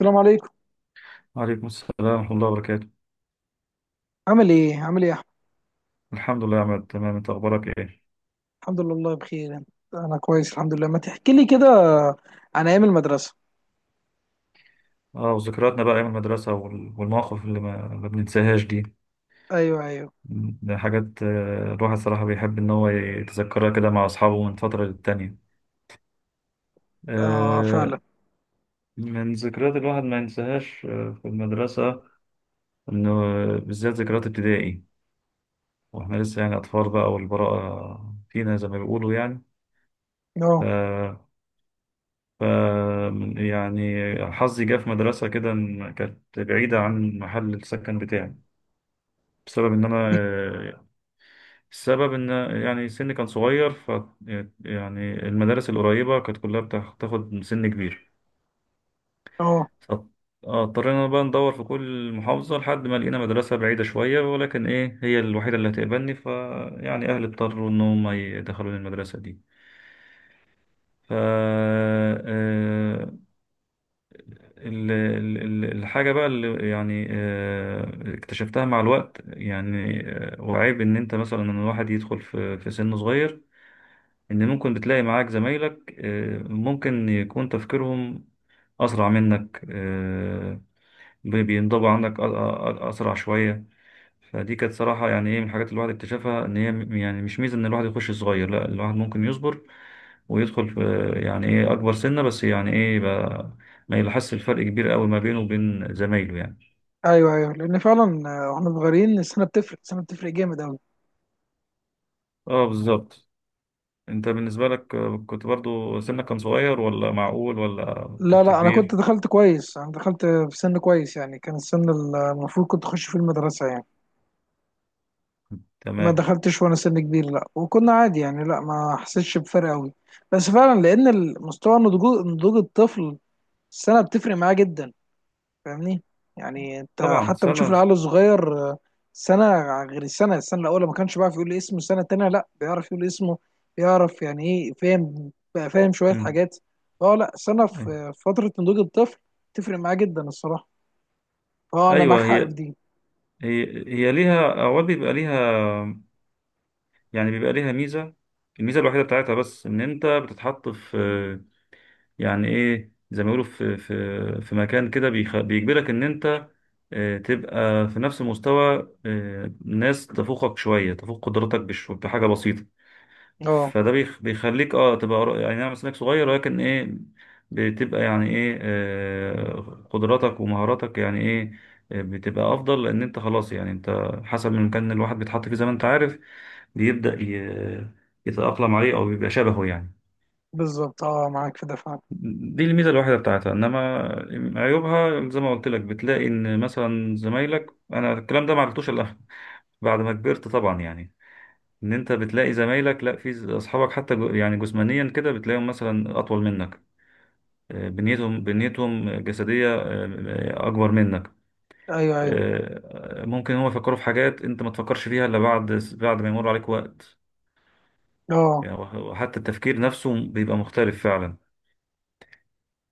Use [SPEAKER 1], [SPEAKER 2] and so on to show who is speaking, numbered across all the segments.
[SPEAKER 1] السلام عليكم.
[SPEAKER 2] وعليكم السلام ورحمة الله وبركاته.
[SPEAKER 1] عامل ايه، عامل ايه يا احمد؟
[SPEAKER 2] الحمد لله يا عماد، تمام. انت اخبارك ايه؟
[SPEAKER 1] الحمد لله والله بخير، انت؟ انا كويس الحمد لله. ما تحكي لي كده عن ايام المدرسه.
[SPEAKER 2] اه، وذكرياتنا بقى ايام المدرسة والمواقف اللي ما بننساهاش دي.
[SPEAKER 1] ايوه، ايوه.
[SPEAKER 2] ده حاجات، الواحد صراحة بيحب ان هو يتذكرها كده مع اصحابه من فترة للتانية.
[SPEAKER 1] اه،
[SPEAKER 2] آه،
[SPEAKER 1] فعلا.
[SPEAKER 2] من ذكريات الواحد ما ينساهاش، في المدرسة، انه بالذات ذكريات ابتدائي، واحنا لسه يعني اطفال بقى، والبراءة فينا زي ما بيقولوا يعني.
[SPEAKER 1] اه.
[SPEAKER 2] آه، ف يعني حظي جه في مدرسة كده، إن كانت بعيدة عن محل السكن بتاعي، بسبب إن
[SPEAKER 1] دي.
[SPEAKER 2] أنا السبب إن يعني سني كان صغير. يعني المدارس القريبة كانت كلها بتاخد سن كبير.
[SPEAKER 1] اه.
[SPEAKER 2] ف- اضطرينا بقى ندور في كل محافظة لحد ما لقينا مدرسة بعيدة شوية، ولكن إيه، هي الوحيدة اللي هتقبلني، فيعني أهلي اضطروا إن هم يدخلوني المدرسة دي. ف آه، ال- ال- الحاجة بقى اللي يعني، اكتشفتها مع الوقت، يعني وعيب ان انت مثلا، ان الواحد يدخل في سن صغير، ان ممكن بتلاقي معاك زمايلك، ممكن يكون تفكيرهم اسرع منك. بينضبوا عندك اسرع شوية. فدي كانت صراحة، يعني ايه، من الحاجات اللي الواحد اكتشفها، ان هي يعني مش ميزة ان الواحد يخش صغير. لا، الواحد ممكن يصبر ويدخل في، يعني ايه، اكبر سنة، بس يعني ايه بقى، ما يلاحظش الفرق كبير قوي ما بينه وبين زمايله يعني.
[SPEAKER 1] ايوه، ايوه، لان فعلا واحنا صغيرين السنه بتفرق، السنه بتفرق جامد قوي.
[SPEAKER 2] اه، بالظبط. انت بالنسبة لك، كنت برضو سنك كان صغير، ولا معقول ولا؟
[SPEAKER 1] لا،
[SPEAKER 2] كنت
[SPEAKER 1] لا، انا كنت
[SPEAKER 2] كبير،
[SPEAKER 1] دخلت كويس، انا دخلت في سن كويس يعني كان السن المفروض كنت اخش فيه المدرسه يعني. ما
[SPEAKER 2] تمام.
[SPEAKER 1] دخلتش وانا سن كبير، لا، وكنا عادي يعني، لا، ما حسيتش بفرق قوي. بس فعلا لان المستوى نضوج الطفل، السنه بتفرق معاه جدا، فاهمني؟ يعني انت
[SPEAKER 2] طبعا
[SPEAKER 1] حتى بتشوف
[SPEAKER 2] سنة.
[SPEAKER 1] العيال الصغير سنه غير السنه الاولى ما كانش بيعرف يقول اسمه، السنه التانيه لا بيعرف يقول اسمه، بيعرف يعني ايه، فاهم بقى، فاهم شويه
[SPEAKER 2] مم.
[SPEAKER 1] حاجات. اه لا، سنه في فتره نضوج الطفل تفرق معاه جدا الصراحه. اه انا معاك
[SPEAKER 2] ايوه،
[SPEAKER 1] حق في دي.
[SPEAKER 2] هي هي ليها اوقات بيبقى ليها، يعني بيبقى ليها ميزة. الميزة الوحيدة بتاعتها بس، ان انت بتتحط في، يعني ايه، زي ما بيقولوا، في مكان كده بيجبرك ان انت تبقى في نفس مستوى ناس تفوقك شويه، تفوق قدراتك بحاجه بسيطه.
[SPEAKER 1] اه،
[SPEAKER 2] فده بيخليك، اه، تبقى يعني نعم، سنك صغير، ولكن ايه، بتبقى يعني ايه، قدراتك ومهاراتك، يعني ايه، بتبقى افضل، لان انت خلاص يعني، انت حسب المكان اللي الواحد بيتحط فيه زي ما انت عارف، بيبدأ يتأقلم عليه، او بيبقى شبهه يعني.
[SPEAKER 1] بالظبط. اه معاك في ده فعلا.
[SPEAKER 2] دي الميزة الوحيدة بتاعتها، إنما عيوبها زي ما قلت لك، بتلاقي إن مثلا زمايلك، أنا الكلام ده ما عرفتوش إلا بعد ما كبرت طبعا يعني. إن أنت بتلاقي زمايلك لأ، في أصحابك، حتى يعني جسمانيا كده، بتلاقيهم مثلا أطول منك، بنيتهم جسدية أكبر منك،
[SPEAKER 1] ايوه، ايوه،
[SPEAKER 2] ممكن هم يفكروا في حاجات أنت ما تفكرش فيها إلا بعد ما يمر عليك وقت.
[SPEAKER 1] اه.
[SPEAKER 2] يعني وحتى التفكير نفسه بيبقى مختلف فعلا.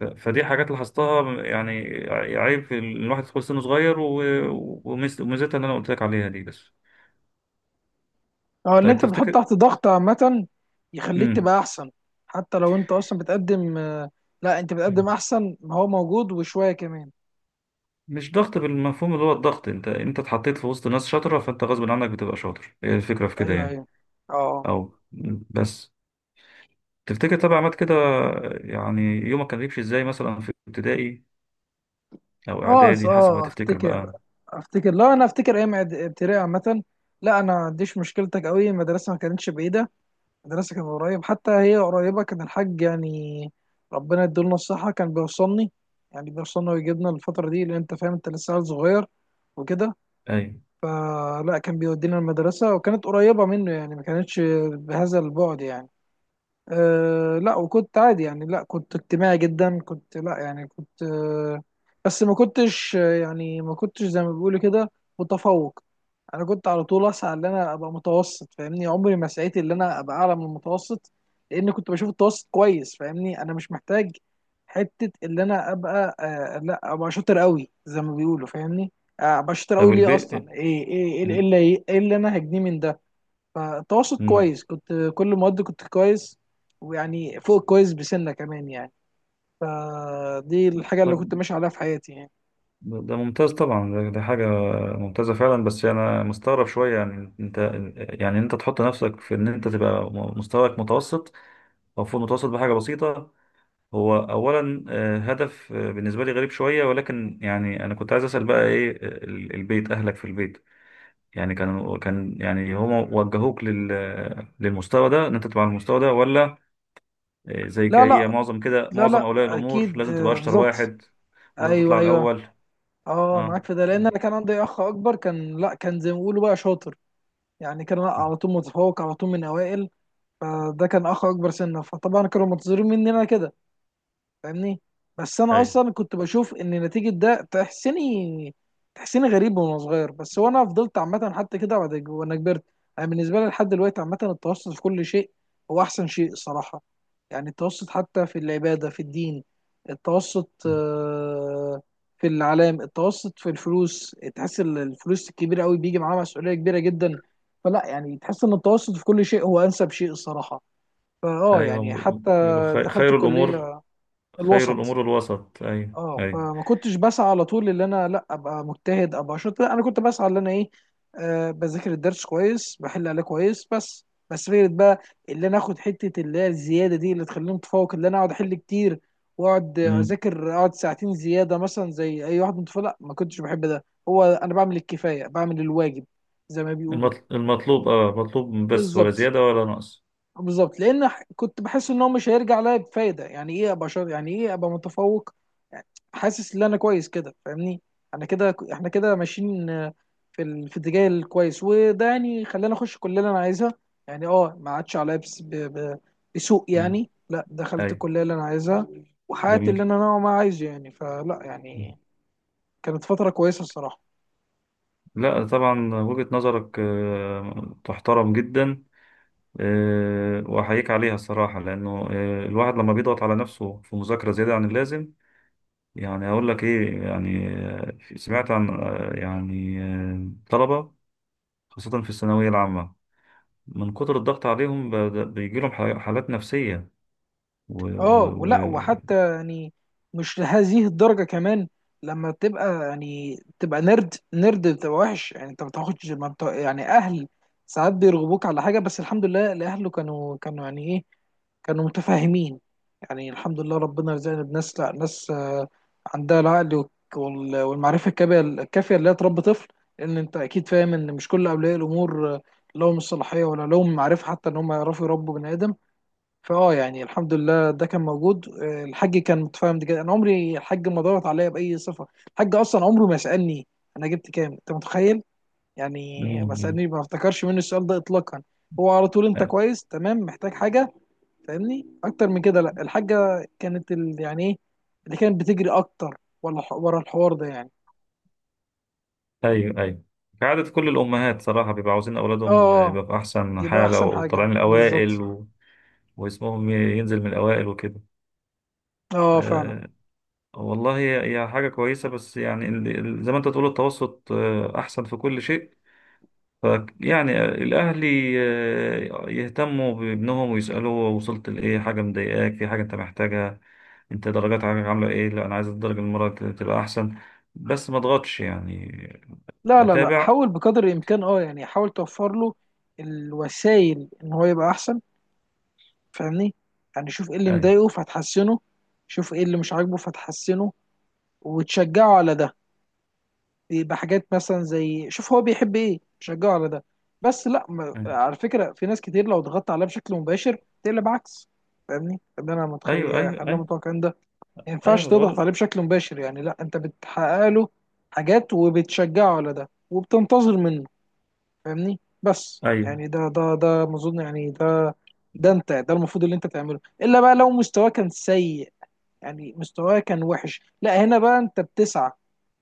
[SPEAKER 2] فدي حاجات لاحظتها يعني. عيب في الواحد يدخل سنه صغير، وميزتها اللي انا قلت لك عليها دي بس.
[SPEAKER 1] اه، اللي
[SPEAKER 2] طيب،
[SPEAKER 1] انت بتحط
[SPEAKER 2] تفتكر.
[SPEAKER 1] تحت ضغط عامه يخليك
[SPEAKER 2] امم
[SPEAKER 1] تبقى احسن. حتى لو انت اصلا بتقدم، لا، انت بتقدم احسن ما هو موجود وشويه كمان.
[SPEAKER 2] مش ضغط بالمفهوم اللي هو الضغط، انت اتحطيت في وسط ناس شاطره، فانت غصب عنك بتبقى شاطر. هي الفكره في كده
[SPEAKER 1] ايوه،
[SPEAKER 2] يعني.
[SPEAKER 1] ايوه، اه.
[SPEAKER 2] او مم. بس تفتكر، طبعا عملت كده، يعني يومك كان بيمشي ازاي مثلا في ابتدائي او اعدادي، حسب ما تفتكر
[SPEAKER 1] افتكر،
[SPEAKER 2] بقى.
[SPEAKER 1] افتكر. لا، انا افتكر ايام ابتدائي عامه، لا انا ما عنديش مشكلتك قوي، المدرسه ما كانتش بعيده، المدرسه كانت قريب، حتى هي قريبه. كان الحاج، يعني ربنا يديله الصحه، كان بيوصلني، يعني بيوصلنا ويجيبنا الفتره دي، لان انت فاهم انت لسه عيل صغير وكده،
[SPEAKER 2] اي.
[SPEAKER 1] فلا كان بيودينا المدرسه وكانت قريبه منه، يعني ما كانتش بهذا البعد يعني. أه لا، وكنت عادي يعني، لا كنت اجتماعي جدا، كنت، لا يعني كنت بس ما كنتش يعني ما كنتش زي ما بيقولوا كده متفوق. انا كنت على طول اسعى ان انا ابقى متوسط، فاهمني؟ عمري ما سعيت ان انا ابقى اعلى من المتوسط لان كنت بشوف التوسط كويس. فاهمني؟ انا مش محتاج حته ان انا ابقى لا ابقى شاطر قوي زي ما بيقولوا، فاهمني؟ ابقى شاطر قوي
[SPEAKER 2] طب،
[SPEAKER 1] ليه
[SPEAKER 2] البيت.
[SPEAKER 1] اصلا؟ ايه ايه ايه إيه
[SPEAKER 2] ال...
[SPEAKER 1] اللي إيه اللي انا هجنيه من ده؟ فتواصل
[SPEAKER 2] مم.
[SPEAKER 1] كويس كنت كل المواد كنت كويس، ويعني فوق الكويس بسنة كمان يعني، فدي الحاجة اللي
[SPEAKER 2] طب،
[SPEAKER 1] كنت ماشي عليها في حياتي يعني.
[SPEAKER 2] ده ممتاز طبعا، ده حاجة ممتازة فعلا، بس أنا مستغرب شوية، يعني أنت، يعني أنت تحط نفسك في إن أنت تبقى، مستواك متوسط أو فوق المتوسط بحاجة بسيطة. هو أولا هدف بالنسبة لي غريب شوية، ولكن يعني أنا كنت عايز أسأل بقى إيه، البيت، أهلك في البيت، يعني كان يعني، هم وجهوك للمستوى ده، إن أنت تبقى على المستوى ده ولا؟ زي
[SPEAKER 1] لا،
[SPEAKER 2] كأي
[SPEAKER 1] لا،
[SPEAKER 2] معظم كده
[SPEAKER 1] لا،
[SPEAKER 2] معظم
[SPEAKER 1] لا،
[SPEAKER 2] أولياء الأمور،
[SPEAKER 1] أكيد.
[SPEAKER 2] لازم تبقى أشطر
[SPEAKER 1] بالظبط.
[SPEAKER 2] واحد، ولازم تطلع
[SPEAKER 1] أيوه، أيوه.
[SPEAKER 2] الأول.
[SPEAKER 1] أه
[SPEAKER 2] أه.
[SPEAKER 1] معاك في ده، لأن أنا كان عندي أخ أكبر، كان، لا كان زي ما بيقولوا بقى شاطر، يعني كان على طول متفوق على طول، من أوائل، فده كان أخ أكبر سنة، فطبعا كانوا منتظرين مني أنا كده، فاهمني؟ بس انا
[SPEAKER 2] أيوه،
[SPEAKER 1] اصلا كنت بشوف ان نتيجه ده تحسني، تحسني غريب وانا صغير، بس وانا فضلت عامه حتى كده، بعد وانا كبرت، انا بالنسبه لي لحد دلوقتي عامه التوسط في كل شيء هو احسن شيء الصراحه. يعني التوسط حتى في العباده، في الدين، التوسط في الاعلام، التوسط في الفلوس، تحس الفلوس الكبيره قوي بيجي معاها مسؤوليه كبيره جدا، فلا يعني تحس ان التوسط في كل شيء هو انسب شيء الصراحه. فاه يعني
[SPEAKER 2] ايوه.
[SPEAKER 1] حتى
[SPEAKER 2] بيقولوا
[SPEAKER 1] دخلت
[SPEAKER 2] خير الامور.
[SPEAKER 1] كليه
[SPEAKER 2] خير
[SPEAKER 1] الوسط.
[SPEAKER 2] الامور الوسط. ايوه،
[SPEAKER 1] اه،
[SPEAKER 2] ايوه.
[SPEAKER 1] فما كنتش بسعى على طول ان انا لا ابقى مجتهد ابقى شاطر، لا انا كنت بسعى ان انا ايه، بذاكر الدرس كويس، بحل عليه كويس، بس فكره بقى، اللي انا اخد حته اللي هي الزياده دي اللي تخليني متفوق، اللي انا اقعد احل كتير واقعد
[SPEAKER 2] امم
[SPEAKER 1] اذاكر، اقعد ساعتين زياده مثلا زي اي واحد متفوق، لا ما كنتش بحب ده، هو انا بعمل الكفايه، بعمل الواجب زي ما بيقولوا.
[SPEAKER 2] المطلوب، اه، مطلوب بس، ولا
[SPEAKER 1] بالظبط،
[SPEAKER 2] زياده ولا نقص.
[SPEAKER 1] بالظبط، لان كنت بحس ان هو مش هيرجع ليا بفايده، يعني ايه ابقى شاطر، يعني ايه ابقى متفوق، حاسس ان انا كويس كده. فاهمني؟ انا كده، احنا كده ماشيين في اتجاه الكويس، وده يعني خلاني اخش الكليه اللي انا عايزها، يعني اه ما عادش عليا بس بسوء
[SPEAKER 2] امم
[SPEAKER 1] يعني، لا دخلت
[SPEAKER 2] ايوه.
[SPEAKER 1] الكليه اللي انا عايزها وحققت
[SPEAKER 2] جميل.
[SPEAKER 1] اللي انا نوعا ما عايزه يعني، فلا
[SPEAKER 2] مم.
[SPEAKER 1] يعني كانت فتره كويسه الصراحه.
[SPEAKER 2] لا، طبعا وجهة نظرك تحترم جدا. واحييك عليها الصراحه، لانه الواحد لما بيضغط على نفسه في مذاكره زياده عن اللازم، يعني اقول لك ايه، يعني سمعت عن يعني طلبه، خاصه في الثانويه العامه، من كتر الضغط عليهم بيجي لهم حالات نفسية. و...
[SPEAKER 1] اه
[SPEAKER 2] و...
[SPEAKER 1] ولا
[SPEAKER 2] و...
[SPEAKER 1] وحتى يعني مش لهذه الدرجة كمان، لما تبقى يعني تبقى نرد بتبقى وحش، يعني انت ما بتاخدش، ما بت- يعني اهل ساعات بيرغبوك على حاجة، بس الحمد لله اللي اهله كانوا يعني ايه، كانوا متفاهمين. يعني الحمد لله ربنا رزقنا بناس، لا ناس عندها العقل والمعرفة الكافية اللي هي تربي طفل، لأن أنت أكيد فاهم إن مش كل أولياء الأمور لهم الصلاحية ولا لهم المعرفة حتى إن هم يعرفوا يربوا بني آدم. فاه يعني الحمد لله ده كان موجود. الحاج كان متفاهم جدا، انا عمري الحاج ما ضغط عليا باي صفه، الحاج اصلا عمره ما سالني انا جبت كام، انت متخيل يعني؟ ما
[SPEAKER 2] مم.
[SPEAKER 1] سالني، ما افتكرش منه السؤال ده اطلاقا، هو على طول انت كويس؟ تمام، محتاج حاجه؟ فاهمني؟ اكتر من كده لا. الحاجه كانت يعني ايه اللي كانت بتجري اكتر ولا ورا الحوار ده يعني.
[SPEAKER 2] ايوه، ايوه. كعادة كل الأمهات صراحة بيبقوا عاوزين
[SPEAKER 1] اه،
[SPEAKER 2] أولادهم
[SPEAKER 1] آه،
[SPEAKER 2] يبقى في أحسن
[SPEAKER 1] يبقى
[SPEAKER 2] حالة
[SPEAKER 1] احسن حاجه
[SPEAKER 2] وطالعين الأوائل،
[SPEAKER 1] بالظبط.
[SPEAKER 2] واسمهم ينزل من الأوائل وكده.
[SPEAKER 1] اه، فعلا.
[SPEAKER 2] أه. والله، هي حاجة كويسة، بس يعني زي ما أنت تقول التوسط أحسن في كل شيء. ف يعني الأهلي يهتموا بابنهم ويسألوه وصلت لإيه، حاجة مضايقاك، في حاجة أنت محتاجها، أنت درجات عاملة إيه، لا أنا عايز الدرجة المرة دي تبقى أحسن، بس ما أضغطش يعني.
[SPEAKER 1] لا، لا، لا،
[SPEAKER 2] أتابع.
[SPEAKER 1] حاول بقدر الامكان، اه يعني حاول توفر له الوسائل ان هو يبقى احسن. فاهمني؟ يعني شوف ايه اللي
[SPEAKER 2] أيوه،
[SPEAKER 1] مضايقه فتحسنه، شوف ايه اللي مش عاجبه فتحسنه وتشجعه على ده، يبقى حاجات مثلا زي شوف هو بيحب ايه تشجعه على ده، بس لا، ما... على فكرة في ناس كتير لو ضغطت عليها بشكل مباشر تقلب عكس. فاهمني؟ ده انا متخيل
[SPEAKER 2] أيوه، أيوه،
[SPEAKER 1] اللي
[SPEAKER 2] أيوه،
[SPEAKER 1] انا
[SPEAKER 2] أيوه،
[SPEAKER 1] متوقع ان ده ما
[SPEAKER 2] أيوه.
[SPEAKER 1] ينفعش
[SPEAKER 2] ما
[SPEAKER 1] تضغط عليه
[SPEAKER 2] بقول.
[SPEAKER 1] بشكل مباشر، يعني لا انت بتحقق له حاجات وبتشجعه على ده وبتنتظر منه. فاهمني؟ بس
[SPEAKER 2] أيوه،
[SPEAKER 1] يعني ده ما اظن يعني، ده، ده انت ده المفروض اللي انت تعمله، الا بقى لو مستواه كان سيء، يعني مستواه كان وحش، لا هنا بقى انت بتسعى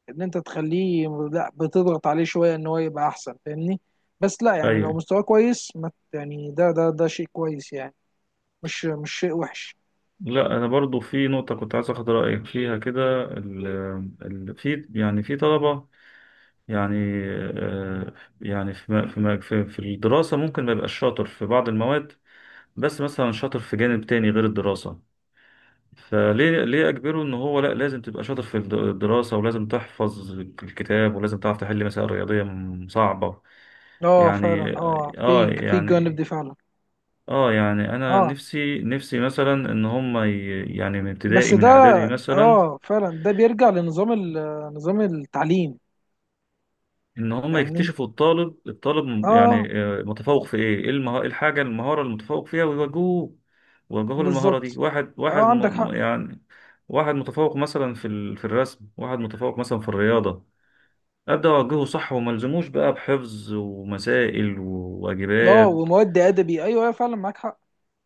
[SPEAKER 1] ان انت تخليه، لا بتضغط عليه شويه ان هو يبقى احسن. فاهمني؟ بس لا يعني لو
[SPEAKER 2] أيوه.
[SPEAKER 1] مستواه كويس ما ت- يعني ده شيء كويس يعني، مش شيء وحش.
[SPEAKER 2] لا، أنا برضو في نقطة كنت عايز أخد رأيك فيها كده. ال ال في، يعني، في طلبة، يعني آه، يعني في في في الدراسة، ممكن ما يبقاش شاطر في بعض المواد، بس مثلا شاطر في جانب تاني غير الدراسة. فليه أجبره إن هو لأ، لازم تبقى شاطر في الدراسة، ولازم تحفظ الكتاب، ولازم تعرف تحل مسائل رياضية صعبة.
[SPEAKER 1] اه
[SPEAKER 2] يعني
[SPEAKER 1] فعلا، اه في الجانب
[SPEAKER 2] يعني
[SPEAKER 1] دي فعلا.
[SPEAKER 2] يعني أنا
[SPEAKER 1] اه
[SPEAKER 2] نفسي مثلا إن هما يعني من
[SPEAKER 1] بس
[SPEAKER 2] ابتدائي
[SPEAKER 1] ده،
[SPEAKER 2] من إعدادي مثلا،
[SPEAKER 1] اه فعلا ده بيرجع نظام التعليم.
[SPEAKER 2] ان هم
[SPEAKER 1] فاهمني؟
[SPEAKER 2] يكتشفوا الطالب
[SPEAKER 1] اه
[SPEAKER 2] يعني متفوق في ايه إيه الحاجه المهاره المتفوق فيها، ويوجهوه يوجهوه للمهاره دي،
[SPEAKER 1] بالظبط،
[SPEAKER 2] واحد
[SPEAKER 1] اه
[SPEAKER 2] واحد.
[SPEAKER 1] عندك حق.
[SPEAKER 2] يعني واحد متفوق مثلا في في الرسم، واحد متفوق مثلا في الرياضه. ابدا اوجهه صح، وما الزموش بقى بحفظ ومسائل
[SPEAKER 1] اه
[SPEAKER 2] وواجبات.
[SPEAKER 1] ومواد ادبي، ايوه، ايوه فعلا، معاك حق.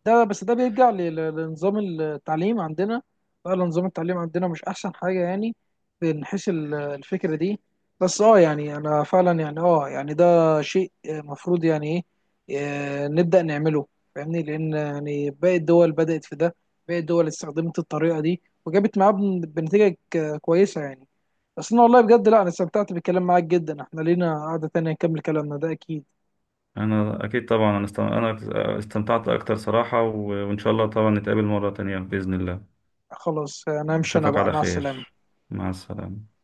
[SPEAKER 1] ده بس ده بيرجع لنظام التعليم عندنا، فعلا نظام التعليم عندنا مش احسن حاجه يعني، من حيث الفكره دي. بس اه يعني انا فعلا يعني، اه يعني ده شيء مفروض يعني ايه نبدا نعمله، فاهمني؟ لان يعني باقي الدول بدات في ده، باقي الدول استخدمت الطريقه دي وجابت معاها بنتيجه كويسه يعني. بس انا والله بجد، لا انا استمتعت بالكلام معاك جدا، احنا لينا قعده تانية نكمل كلامنا ده اكيد.
[SPEAKER 2] انا اكيد طبعا. انا استمتعت اكتر صراحه، وان شاء الله طبعا نتقابل مره تانية باذن الله.
[SPEAKER 1] خلاص انا امشي انا
[SPEAKER 2] اشوفك
[SPEAKER 1] بقى،
[SPEAKER 2] على
[SPEAKER 1] مع
[SPEAKER 2] خير.
[SPEAKER 1] السلامة.
[SPEAKER 2] مع السلامه.